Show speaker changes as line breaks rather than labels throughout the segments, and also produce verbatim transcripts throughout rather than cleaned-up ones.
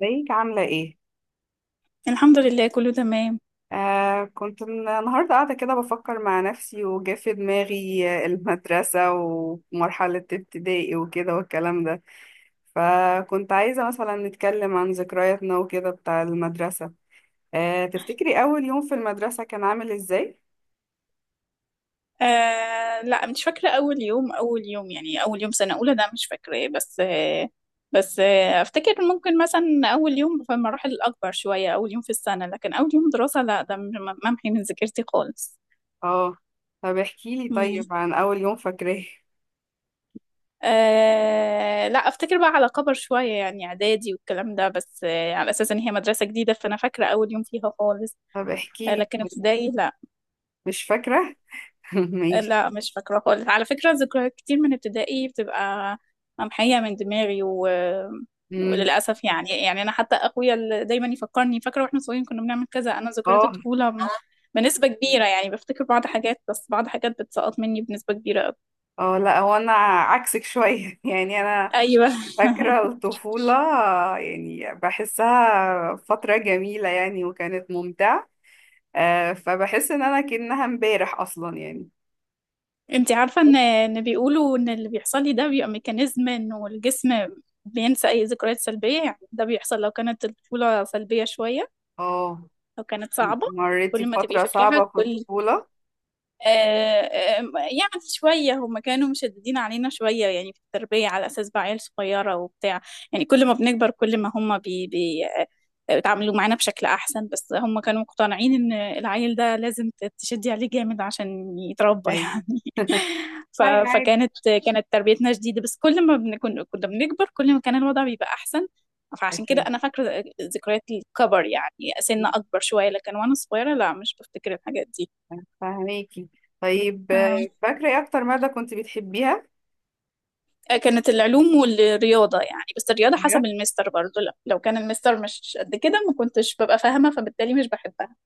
ازيك؟ عاملة ايه؟
الحمد لله، كله تمام.
آه كنت من- النهاردة قاعدة كده بفكر مع نفسي، وجا في دماغي آه، المدرسة ومرحلة ابتدائي وكده والكلام ده. فكنت عايزة مثلا نتكلم عن ذكرياتنا وكده بتاع المدرسة. آه تفتكري أول يوم في المدرسة كان عامل ازاي؟
آه لا، مش فاكرة. أول يوم أول يوم، يعني أول يوم سنة أولى، ده مش فاكراه، بس آه بس آه أفتكر ممكن مثلا أول يوم في المراحل الأكبر شوية، أول يوم في السنة. لكن أول يوم دراسة لا، ده م- ممحي من ذاكرتي خالص.
اه. طب احكيلي
مم.
طيب عن أول يوم فاكراه.
آه لا، أفتكر بقى على كبر شوية، يعني إعدادي والكلام ده، بس آه على أساس إن هي مدرسة جديدة، فأنا فاكرة أول يوم فيها خالص.
طب
آه
احكيلي
لكن
طيب.
ابتدائي لا.
مش فاكرة؟ ماشي.
لا، مش فاكرة خالص. على فكرة، ذكريات كتير من ابتدائي بتبقى ممحية من دماغي و...
مم.
وللأسف، يعني يعني أنا حتى أخويا اللي دايما يفكرني فاكرة واحنا صغيرين كنا بنعمل كذا، أنا ذكريات
اه.
الطفولة م- بنسبة كبيرة، يعني بفتكر بعض حاجات، بس بعض حاجات بتسقط مني بنسبة كبيرة أوي.
اه، لا هو انا عكسك شوية. يعني انا
أيوه.
فاكرة الطفولة، يعني بحسها فترة جميلة يعني، وكانت ممتعة. آه، فبحس إن أنا كأنها امبارح أصلا يعني.
أنت عارفة إن إن بيقولوا إن اللي بيحصل لي ده بيبقى ميكانيزم إنه الجسم بينسى أي ذكريات سلبية. يعني ده بيحصل لو كانت الطفولة سلبية شوية،
اه.
لو كانت صعبة،
مريتي
كل ما تبقي
بفترة صعبة
فاكراها
في
كل
الطفولة؟
آه، آم، يعني شوية، هم كانوا مشددين علينا شوية يعني في التربية، على أساس بقى عيال صغيرة وبتاع، يعني كل ما بنكبر كل ما هم بي بي آه، بيتعاملوا معانا بشكل أحسن. بس هم كانوا مقتنعين إن العيل ده لازم ت- تشدي عليه جامد عشان يتربى
أيوة.
يعني. ف-
هاي عادي.
فكانت كانت تربيتنا شديدة، بس كل ما بنكون كنا بنكبر كل ما كان الوضع بيبقى أحسن. فعشان كده
أكيد.
أنا فاكرة ذكريات الكبر، يعني سن أكبر شوية، لكن وأنا صغيرة لا، مش بفتكر الحاجات دي.
فهميكي. طيب، آه،
آه.
فاكرة إيه أكتر مادة كنت بتحبيها؟
كانت العلوم والرياضة يعني، بس الرياضة
بجد؟
حسب المستر برضو، لا، لو كان المستر مش قد كده ما كنتش ببقى فاهمة، فبالتالي مش بحبها،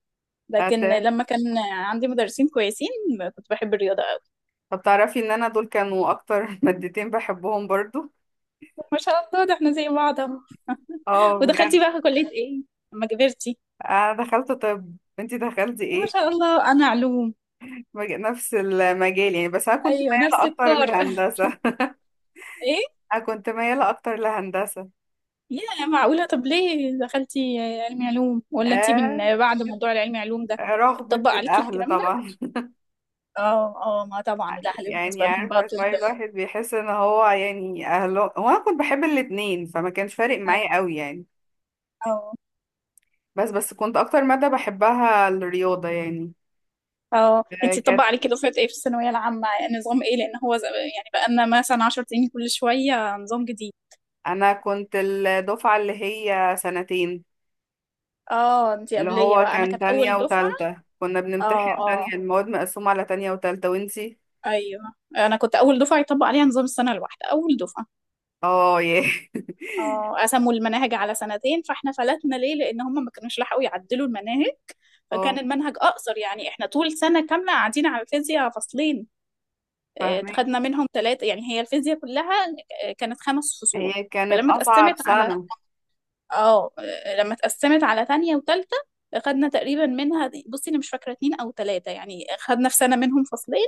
لكن
أت...
لما كان عندي مدرسين كويسين كنت بحب الرياضة أوي.
طب تعرفي إن أنا دول كانوا أكتر مادتين بحبهم برضو؟
ما شاء الله، ده احنا زي بعض اهو.
اه، بجد.
ودخلتي بقى كلية ايه لما كبرتي؟
أنا دخلت طب، أنتي دخلتي
ما
إيه؟
شاء الله، أنا علوم.
مج- نفس المجال يعني، بس انا كنت
أيوة،
مياله
نفس
اكتر
الكار.
لهندسه.
ايه؟
انا كنت مياله اكتر لهندسه
يا معقولة، طب ليه دخلتي علمي علوم؟ ولا انتي
آه،
من بعد موضوع العلمي علوم ده
رغبه
اتطبق عليكي
الاهل
الكلام ده؟
طبعا.
اه، اه، ما طبعا الأهل
يعني
بالنسبة لهم بقى
عارفه
طب.
شويه الواحد بيحس ان هو، يعني اهله، هو انا كنت بحب الاتنين فما كانش فارق معايا
أيوة.
قوي يعني.
اه.
بس بس كنت اكتر ماده بحبها الرياضه يعني.
اه،
آه
انتي طبق
كانت،
عليكي دفعة ايه في الثانوية العامة؟ يعني نظام ايه؟ لان هو ز- يعني بقالنا مثلا 10 سنين كل شوية نظام جديد.
انا كنت الدفعه اللي هي سنتين،
اه، انتي
اللي
قبلية
هو
بقى، انا
كان
كانت
تانية
اول دفعة.
وتالتة كنا
اه،
بنمتحن
اه،
تانية، المواد مقسومه على تانية وتالتة. وانتي؟
ايوه، انا كنت اول دفعة يطبق عليها نظام السنة الواحدة، اول دفعة.
اه، ياه.
اه، قسموا المناهج على سنتين، فاحنا فلتنا ليه؟ لان هم ما كانوش لحقوا يعدلوا المناهج،
اه،
فكان المنهج اقصر. يعني احنا طول سنة كاملة قاعدين على الفيزياء فصلين. اه،
فاهمين.
خدنا منهم ثلاثة يعني، هي الفيزياء كلها اه، كانت خمس فصول.
هي كانت
فلما
أصعب
اتقسمت على
سنة.
اه، لما اتقسمت على تانية وتالتة خدنا تقريبا منها، بصي انا مش فاكرة اتنين او تلاتة، يعني خدنا في سنة منهم فصلين،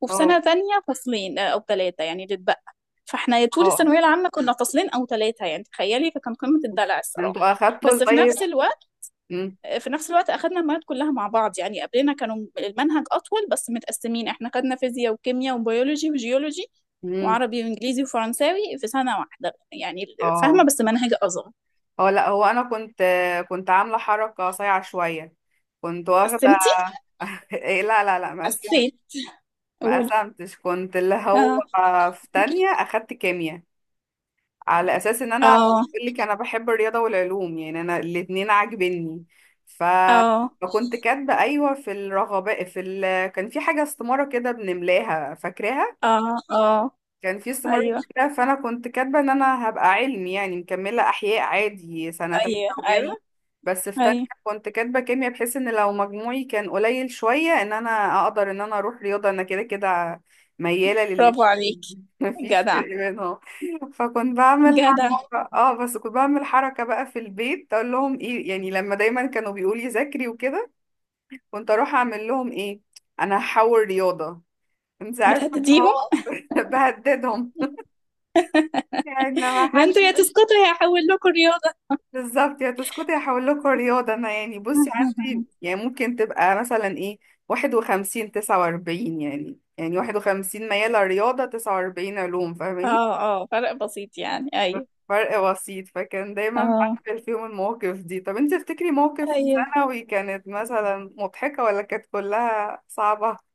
وفي
اه.
سنة تانية فصلين آه، او تلاتة يعني اللي اتبقى. فاحنا يا
اه.
طول
اه.
الثانوية العامة كنا فصلين او تلاتة، يعني تخيلي، فكان قمة الدلع الصراحة.
انتوا أخدتوا
بس في
الطيب.
نفس الوقت
مم.
في نفس الوقت اخدنا المواد كلها مع بعض، يعني قبلنا كانوا المنهج اطول بس متقسمين. احنا خدنا فيزياء وكيمياء وبيولوجي وجيولوجي
مم.
وعربي وانجليزي وفرنساوي في سنة واحدة يعني.
اه.
فاهمة؟ بس منهج اصغر.
اه، لا هو أنا كنت، كنت عاملة حركة صايعة شوية. كنت واخدة.
قسمتي؟
إيه، لا لا لا، ما قسمت
حسيت.
ما
قولي.
قسمتش. كنت اللي هو
اه،
في تانية أخدت كيمياء، على أساس إن أنا
اه،
بقول لك أنا بحب الرياضة والعلوم، يعني أنا الاتنين عاجبني. ف
اه،
فكنت كاتبة أيوة في الرغبة في ال... كان في حاجة استمارة كده بنملاها، فاكراها.
اه، اه،
كان في استمرار
ايوه،
كده. فانا كنت كاتبه ان انا هبقى علمي يعني، مكمله احياء عادي سنه تالتة
ايوه، ايوه،
وكده. بس في تانية
ايوه،
كنت كاتبه كيمياء، بحيث ان لو مجموعي كان قليل شويه ان انا اقدر ان انا اروح رياضه. انا كده كده مياله للاتنين.
برافو عليك.
مفيش
جدع.
فرق بينهم. فكنت بعمل
جدع.
حركه، اه، بس كنت بعمل حركه بقى في البيت، اقول لهم ايه، يعني لما دايما كانوا بيقولوا لي ذاكري وكده، كنت اروح اعمل لهم ايه: انا هحول رياضه. انت عارفه إن
بتهدديهم؟
هو بهددهم. يعني لما
ما
حد
انتوا يا
يقول-،
تسقطوا يا هحول لكم رياضة.
بالظبط، يا تسكتي هحول لكم رياضة أنا. يعني بصي عندي يعني ممكن تبقى مثلا إيه، واحد وخمسين تسعة وأربعين، يعني، يعني واحد وخمسين ميالة رياضة، تسعة وأربعين علوم، فاهماني؟
اه، اه، فرق بسيط يعني، ايوه.
فرق بسيط. فكان دايما
اه،
بعمل فيهم المواقف دي. طب انت تفتكري موقف في
ايوه.
ثانوي كانت مثلا مضحكة، ولا كانت كلها صعبة؟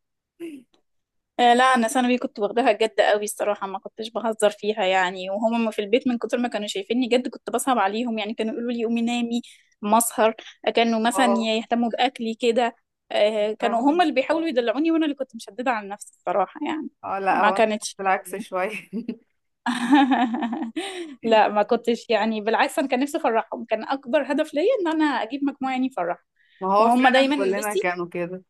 آه، لا، انا ثانوي كنت واخداها جد قوي الصراحه، ما كنتش بهزر فيها يعني. وهم في البيت من كتر ما كانوا شايفيني جد كنت بصعب عليهم، يعني كانوا يقولوا لي قومي نامي مسهر. كانوا مثلا
اه،
يهتموا باكلي كده. آه، كانوا هم
فاهمني.
اللي بيحاولوا يدلعوني، وانا اللي كنت مشدده على نفسي الصراحه يعني.
اه، لا
ما
هو انا
كانتش
كنت العكس شوية.
لا، ما كنتش، يعني بالعكس، انا كان نفسي افرحهم، كان اكبر هدف ليا ان انا اجيب مجموعه يعني افرحهم.
ما هو
وهم
فعلا
دايما
كلنا
بصي،
كانوا كده.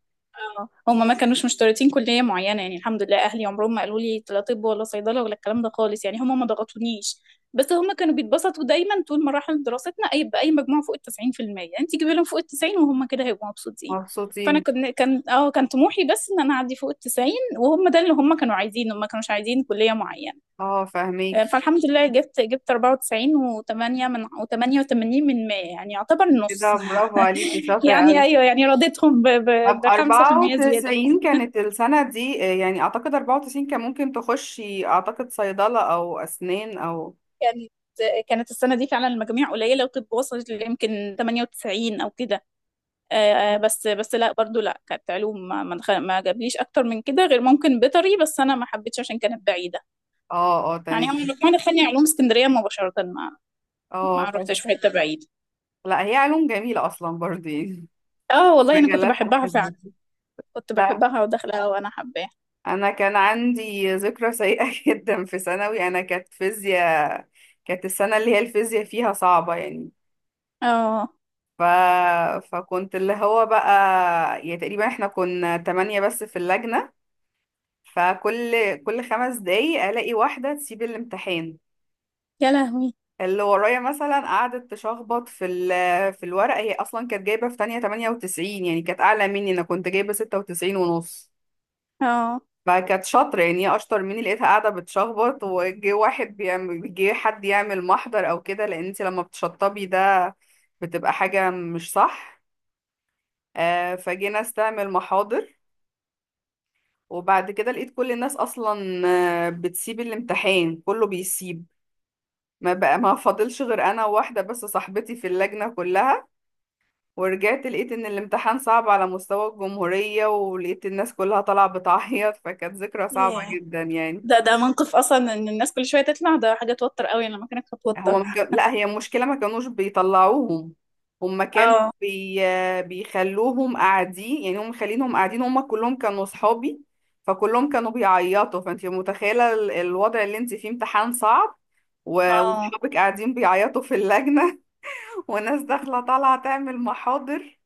اه، هما ما كانوش مشترطين كلية معينة، يعني الحمد لله أهلي عمرهم ما قالوا لي لا طب ولا صيدلة ولا الكلام ده خالص، يعني هما ما ضغطونيش. بس هما كانوا بيتبسطوا دايما طول مراحل دراستنا، أي بأي مجموع فوق التسعين في المية، أنت جيبي لهم فوق التسعين وهم كده هيبقوا مبسوطين. فأنا
مبسوطين.
كان كان اه كان طموحي بس إن أنا أعدي فوق التسعين، وهم ده اللي هم كانوا عايزينه، ما كانوش عايزين كلية معينة.
اه،
آه،
فاهميك.
فالحمد لله جبت جبت أربعة وتسعين و8 من و88 من مية، يعني يعتبر النص.
كده برافو عليكي، شاطرة
يعني
أوي.
أيوه، يعني رضيتهم
طب
ب خمسة في المية.
أربعة وتسعين كانت السنة دي، آه، يعني أعتقد أربعة وتسعين كان ممكن تخشي أعتقد صيدلة أو أسنان أو.
كانت كانت السنة دي فعلا المجاميع قليلة، وطب وصلت يمكن تمانية وتسعين أو كده. آه، بس بس لا برضو لا، كانت علوم، ما ما, دخل ما جابليش أكتر من كده غير ممكن بيطري، بس أنا ما حبيتش عشان كانت بعيدة.
اه، اه،
يعني هم
تمام.
الرقم دخلني علوم اسكندرية مباشرة، ما
اه،
ما
طب،
رحتش في حتة بعيدة.
لا هي علوم جميلة أصلا برضه يعني.
اه، والله أنا كنت
مجالاتها
بحبها
الحلوة.
فعلا. كنت
لا
بحبها وداخلها وأنا حباها.
أنا كان عندي ذكرى سيئة جدا في ثانوي، أنا كانت فيزياء. كانت السنة اللي هي الفيزياء فيها صعبة يعني.
اه.
ف... فكنت اللي هو بقى، يعني تقريبا احنا كنا تمانية بس في اللجنة. فكل كل خمس دقايق الاقي واحده تسيب الامتحان.
يا لهوي.
اللي ورايا مثلا قعدت تشخبط في ال- في الورقه. هي اصلا كانت جايبه في تانية تمانية وتسعين، يعني كانت اعلى مني، انا كنت جايبه ستة وتسعين ونص.
اه.
فكانت شاطره يعني، هي اشطر مني. لقيتها قاعده بتشخبط، وجه واحد بيعمل، جه حد يعمل محضر او كده، لان انت لما بتشطبي ده بتبقى حاجه مش صح. آه، فجينا استعمل محاضر. وبعد كده لقيت كل الناس اصلا، آه، بتسيب الامتحان، كله بيسيب. ما بقى، ما فاضلش غير انا وواحده بس، صاحبتي في اللجنه كلها. ورجعت لقيت ان الامتحان صعب على مستوى الجمهوريه، ولقيت الناس كلها طالعه بتعيط. فكانت ذكرى صعبه
ياه.
جدا يعني.
ده ده موقف أصلا، إن الناس كل شوية تطلع، ده حاجة توتر قوي. أنا لما كانت
هما
بتوتر
ما كان... لا هي المشكله ما كانوش بيطلعوهم. هما كانوا
اه،
بي... بيخلوهم قاعدين، يعني هم خلينهم قاعدين. هما كلهم كانوا صحابي، فكلهم كانوا بيعيطوا. فانت متخيله ال- الوضع اللي انت فيه: امتحان صعب و-
اه،
وصحابك قاعدين بيعيطوا في اللجنه، وناس داخلة طالعة تعمل محاضر.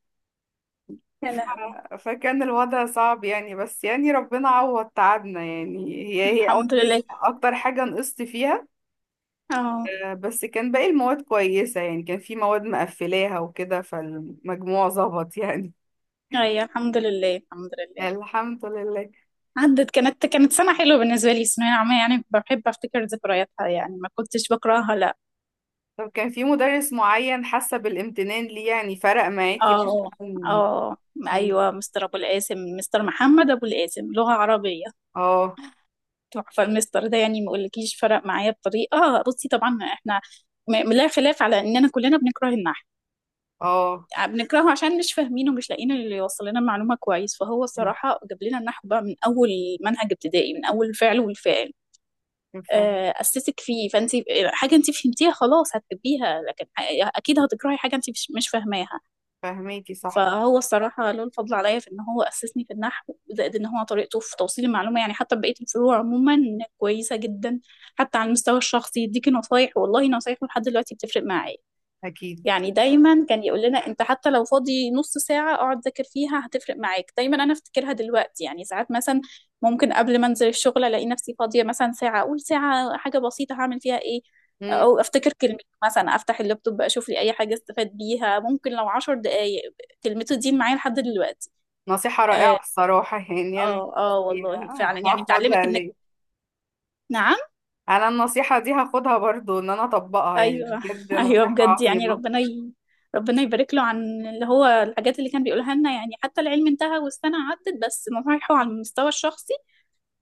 ف...
يا لهوي.
فكان الوضع صعب يعني، بس يعني ربنا عوض تعبنا يعني. هي هي
الحمد
أكتر
لله.
أكتر حاجة نقصت فيها.
اه،
آه، بس كان باقي المواد كويسة يعني، كان في مواد مقفلاها وكده، فالمجموع ظبط يعني.
ايوه، الحمد لله، الحمد لله.
الحمد لله.
عدت. كانت كانت سنة حلوة بالنسبة لي الثانوية العامة، يعني بحب افتكر ذكرياتها، يعني ما كنتش بكرهها لا.
طب كان في مدرس معين حاسة بالامتنان ليه، يعني فرق معاكي مثلا؟
اه، اه، ايوه، مستر ابو القاسم، مستر محمد ابو القاسم، لغة عربية.
اه.
تحفة المستر ده، يعني ما اقولكيش فرق معايا بطريقة. بصي طبعا احنا م- لا خلاف على اننا كلنا بنكره النحو،
اه،
آه، بنكرهه عشان مش فاهمينه، ومش لاقيين اللي يوصل لنا المعلومه كويس. فهو الصراحه جاب لنا النحو بقى من اول منهج ابتدائي، من اول الفعل والفاعل. آه، اسسك فيه، فانت حاجه انت فهمتيها خلاص هتحبيها، لكن اكيد هتكرهي حاجه انت مش مش فاهماها.
فاهماكي صح.
فهو الصراحه له الفضل عليا في ان هو اسسني في النحو، زائد ان هو طريقته في توصيل المعلومه، يعني حتى بقيه الفروع عموما كويسه جدا. حتى على المستوى الشخصي يديكي نصايح، والله نصايحه لحد دلوقتي بتفرق معايا.
أكيد.
يعني دايما كان يقول لنا انت حتى لو فاضي نص ساعة اقعد ذاكر فيها هتفرق معاك. دايما انا افتكرها دلوقتي، يعني ساعات مثلا ممكن قبل ما انزل الشغل الاقي نفسي فاضية مثلا ساعة، اقول ساعة حاجة بسيطة هعمل فيها ايه، او افتكر كلمة مثلا، افتح اللابتوب اشوف لي اي حاجة استفاد بيها ممكن، لو عشر دقايق. كلمته دي معايا لحد دلوقتي.
نصيحة رائعة
اه،
الصراحة، يعني أنا
اه، آه،
فيها،
والله
آه،
فعلا، يعني بتعلمك
هاخدها
انك.
ليه.
نعم؟
أنا النصيحة دي هاخدها برضو إن أنا أطبقها، يعني
ايوه.
بجد
ايوه
نصيحة
بجد، يعني
عظيمة.
ربنا ي... ربنا يبارك له عن اللي هو الحاجات اللي كان بيقولها لنا، يعني حتى العلم انتهى والسنه عدت، بس نصايحه على المستوى الشخصي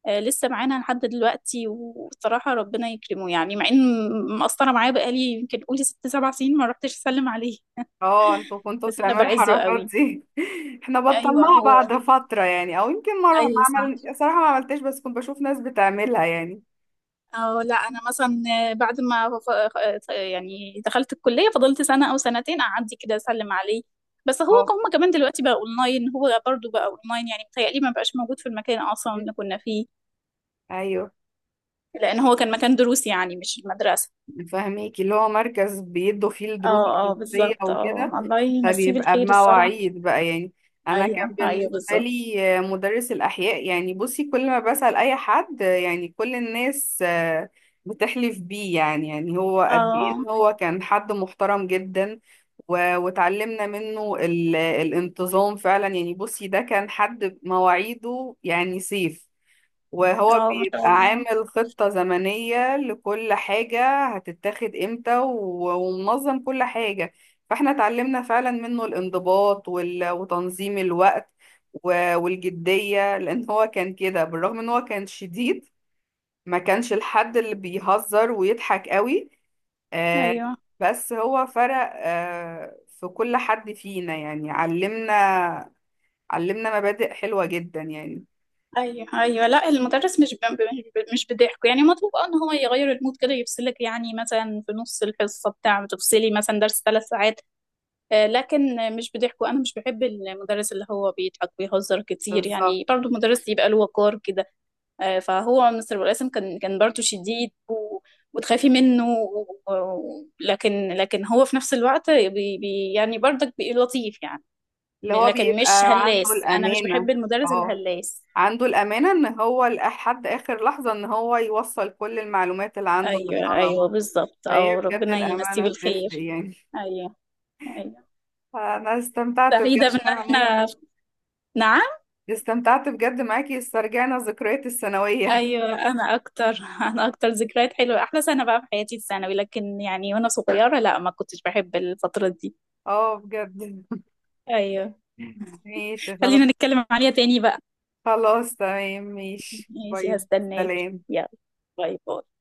آه لسه معانا لحد دلوقتي. وصراحه ربنا يكرمه، يعني مع ان مقصره معاه بقالي يمكن قولي ست سبع سنين ما رحتش اسلم عليه،
اه، انتوا كنتوا
بس انا
بتعملوا
بعزه
الحركات
قوي.
دي. احنا
ايوه
بطلناها
هو.
بعد فترة يعني. او يمكن مرة، ما
ايوه صح.
عمل، صراحة ما عملتش، بس كنت بشوف ناس بتعملها يعني.
أو لا، أنا مثلا بعد ما ف- ف- يعني دخلت الكلية فضلت سنة أو سنتين أعدي كده أسلم عليه. بس هو
اه.
هم كمان دلوقتي بقى أونلاين، هو برضو بقى أونلاين، يعني متهيألي ما بقاش موجود في المكان أصلا اللي كنا فيه.
ايوه،
لأن هو كان مكان دروس، يعني مش المدرسة.
فاهميكي، اللي هو مركز بيدوا فيه الدروس
اه، اه،
الخصوصية
بالظبط، اه
وكده،
الله يمسيه
فبيبقى
بالخير الصراحة.
بمواعيد بقى يعني. انا كان
أيوه أيوه
بالنسبه
بالظبط.
لي آه، مدرس الاحياء، يعني بصي كل ما بسال اي حد يعني، كل الناس آه، بتحلف بيه، يعني، يعني هو قد
اه،
ايه إن هو كان حد محترم جدا. و- واتعلمنا منه ال- الانتظام فعلا يعني. بصي ده كان حد مواعيده يعني سيف. وهو
اه، ما شاء
بيبقى
الله.
عامل خطة زمنية لكل حاجة هتتاخد امتى، و- ومنظم كل حاجة. فاحنا اتعلمنا فعلا منه الانضباط، وال- وتنظيم الوقت، و- والجدية. لان هو كان كده، بالرغم ان هو كان شديد، ما كانش الحد اللي بيهزر ويضحك قوي. آه،
أيوه.
بس هو فرق، آه، في كل حد فينا يعني. علمنا، علمنا مبادئ حلوة جدا يعني.
ايوه، ايوه، لا، المدرس مش ب... مش ب- مش بضحكه يعني مطلوب، اه، ان هو يغير المود كده يفصلك، يعني مثلا في نص الحصه بتاع، بتفصلي مثلا درس ثلاث ساعات آه، لكن مش بضحكه. انا مش بحب المدرس اللي هو بيضحك ويهزر كتير،
بالظبط،
يعني برضه مدرس يبقى له وقار كده. آه، فهو مستر القاسم كان كان برضه شديد و... وتخافي منه و... و- لكن لكن هو في نفس الوقت بي... بي... يعني برضك بي- لطيف يعني.
اللي هو
لكن
بيبقى
مش
عنده
هلاس، انا مش بحب
الأمانة.
المدرس
اه،
الهلاس.
عنده الأمانة إن هو لحد آخر لحظة إن هو يوصل كل المعلومات اللي عنده
ايوه، ايوه،
للطلبة.
بالظبط،
فهي
او
بجد
ربنا يمسيه
الأمانة بتفرق
بالخير.
يعني.
ايوه. ايوه.
فأنا استمتعت
سعيده
بجد
بان
معاك.
احنا. نعم؟
استمتعت بجد معاكي، استرجعنا ذكريات الثانوية.
ايوه، انا اكتر. انا اكتر ذكريات حلوه، احلى سنه بقى في حياتي الثانوي، لكن يعني وانا صغيره لا، ما كنتش بحب الفتره دي.
اه، بجد.
ايوه.
ماشي خلاص.
خلينا نتكلم عليها تاني بقى.
خلاص تمام، ماشي،
ماشي،
باي.
هستناك.
سلام.
يلا. باي باي.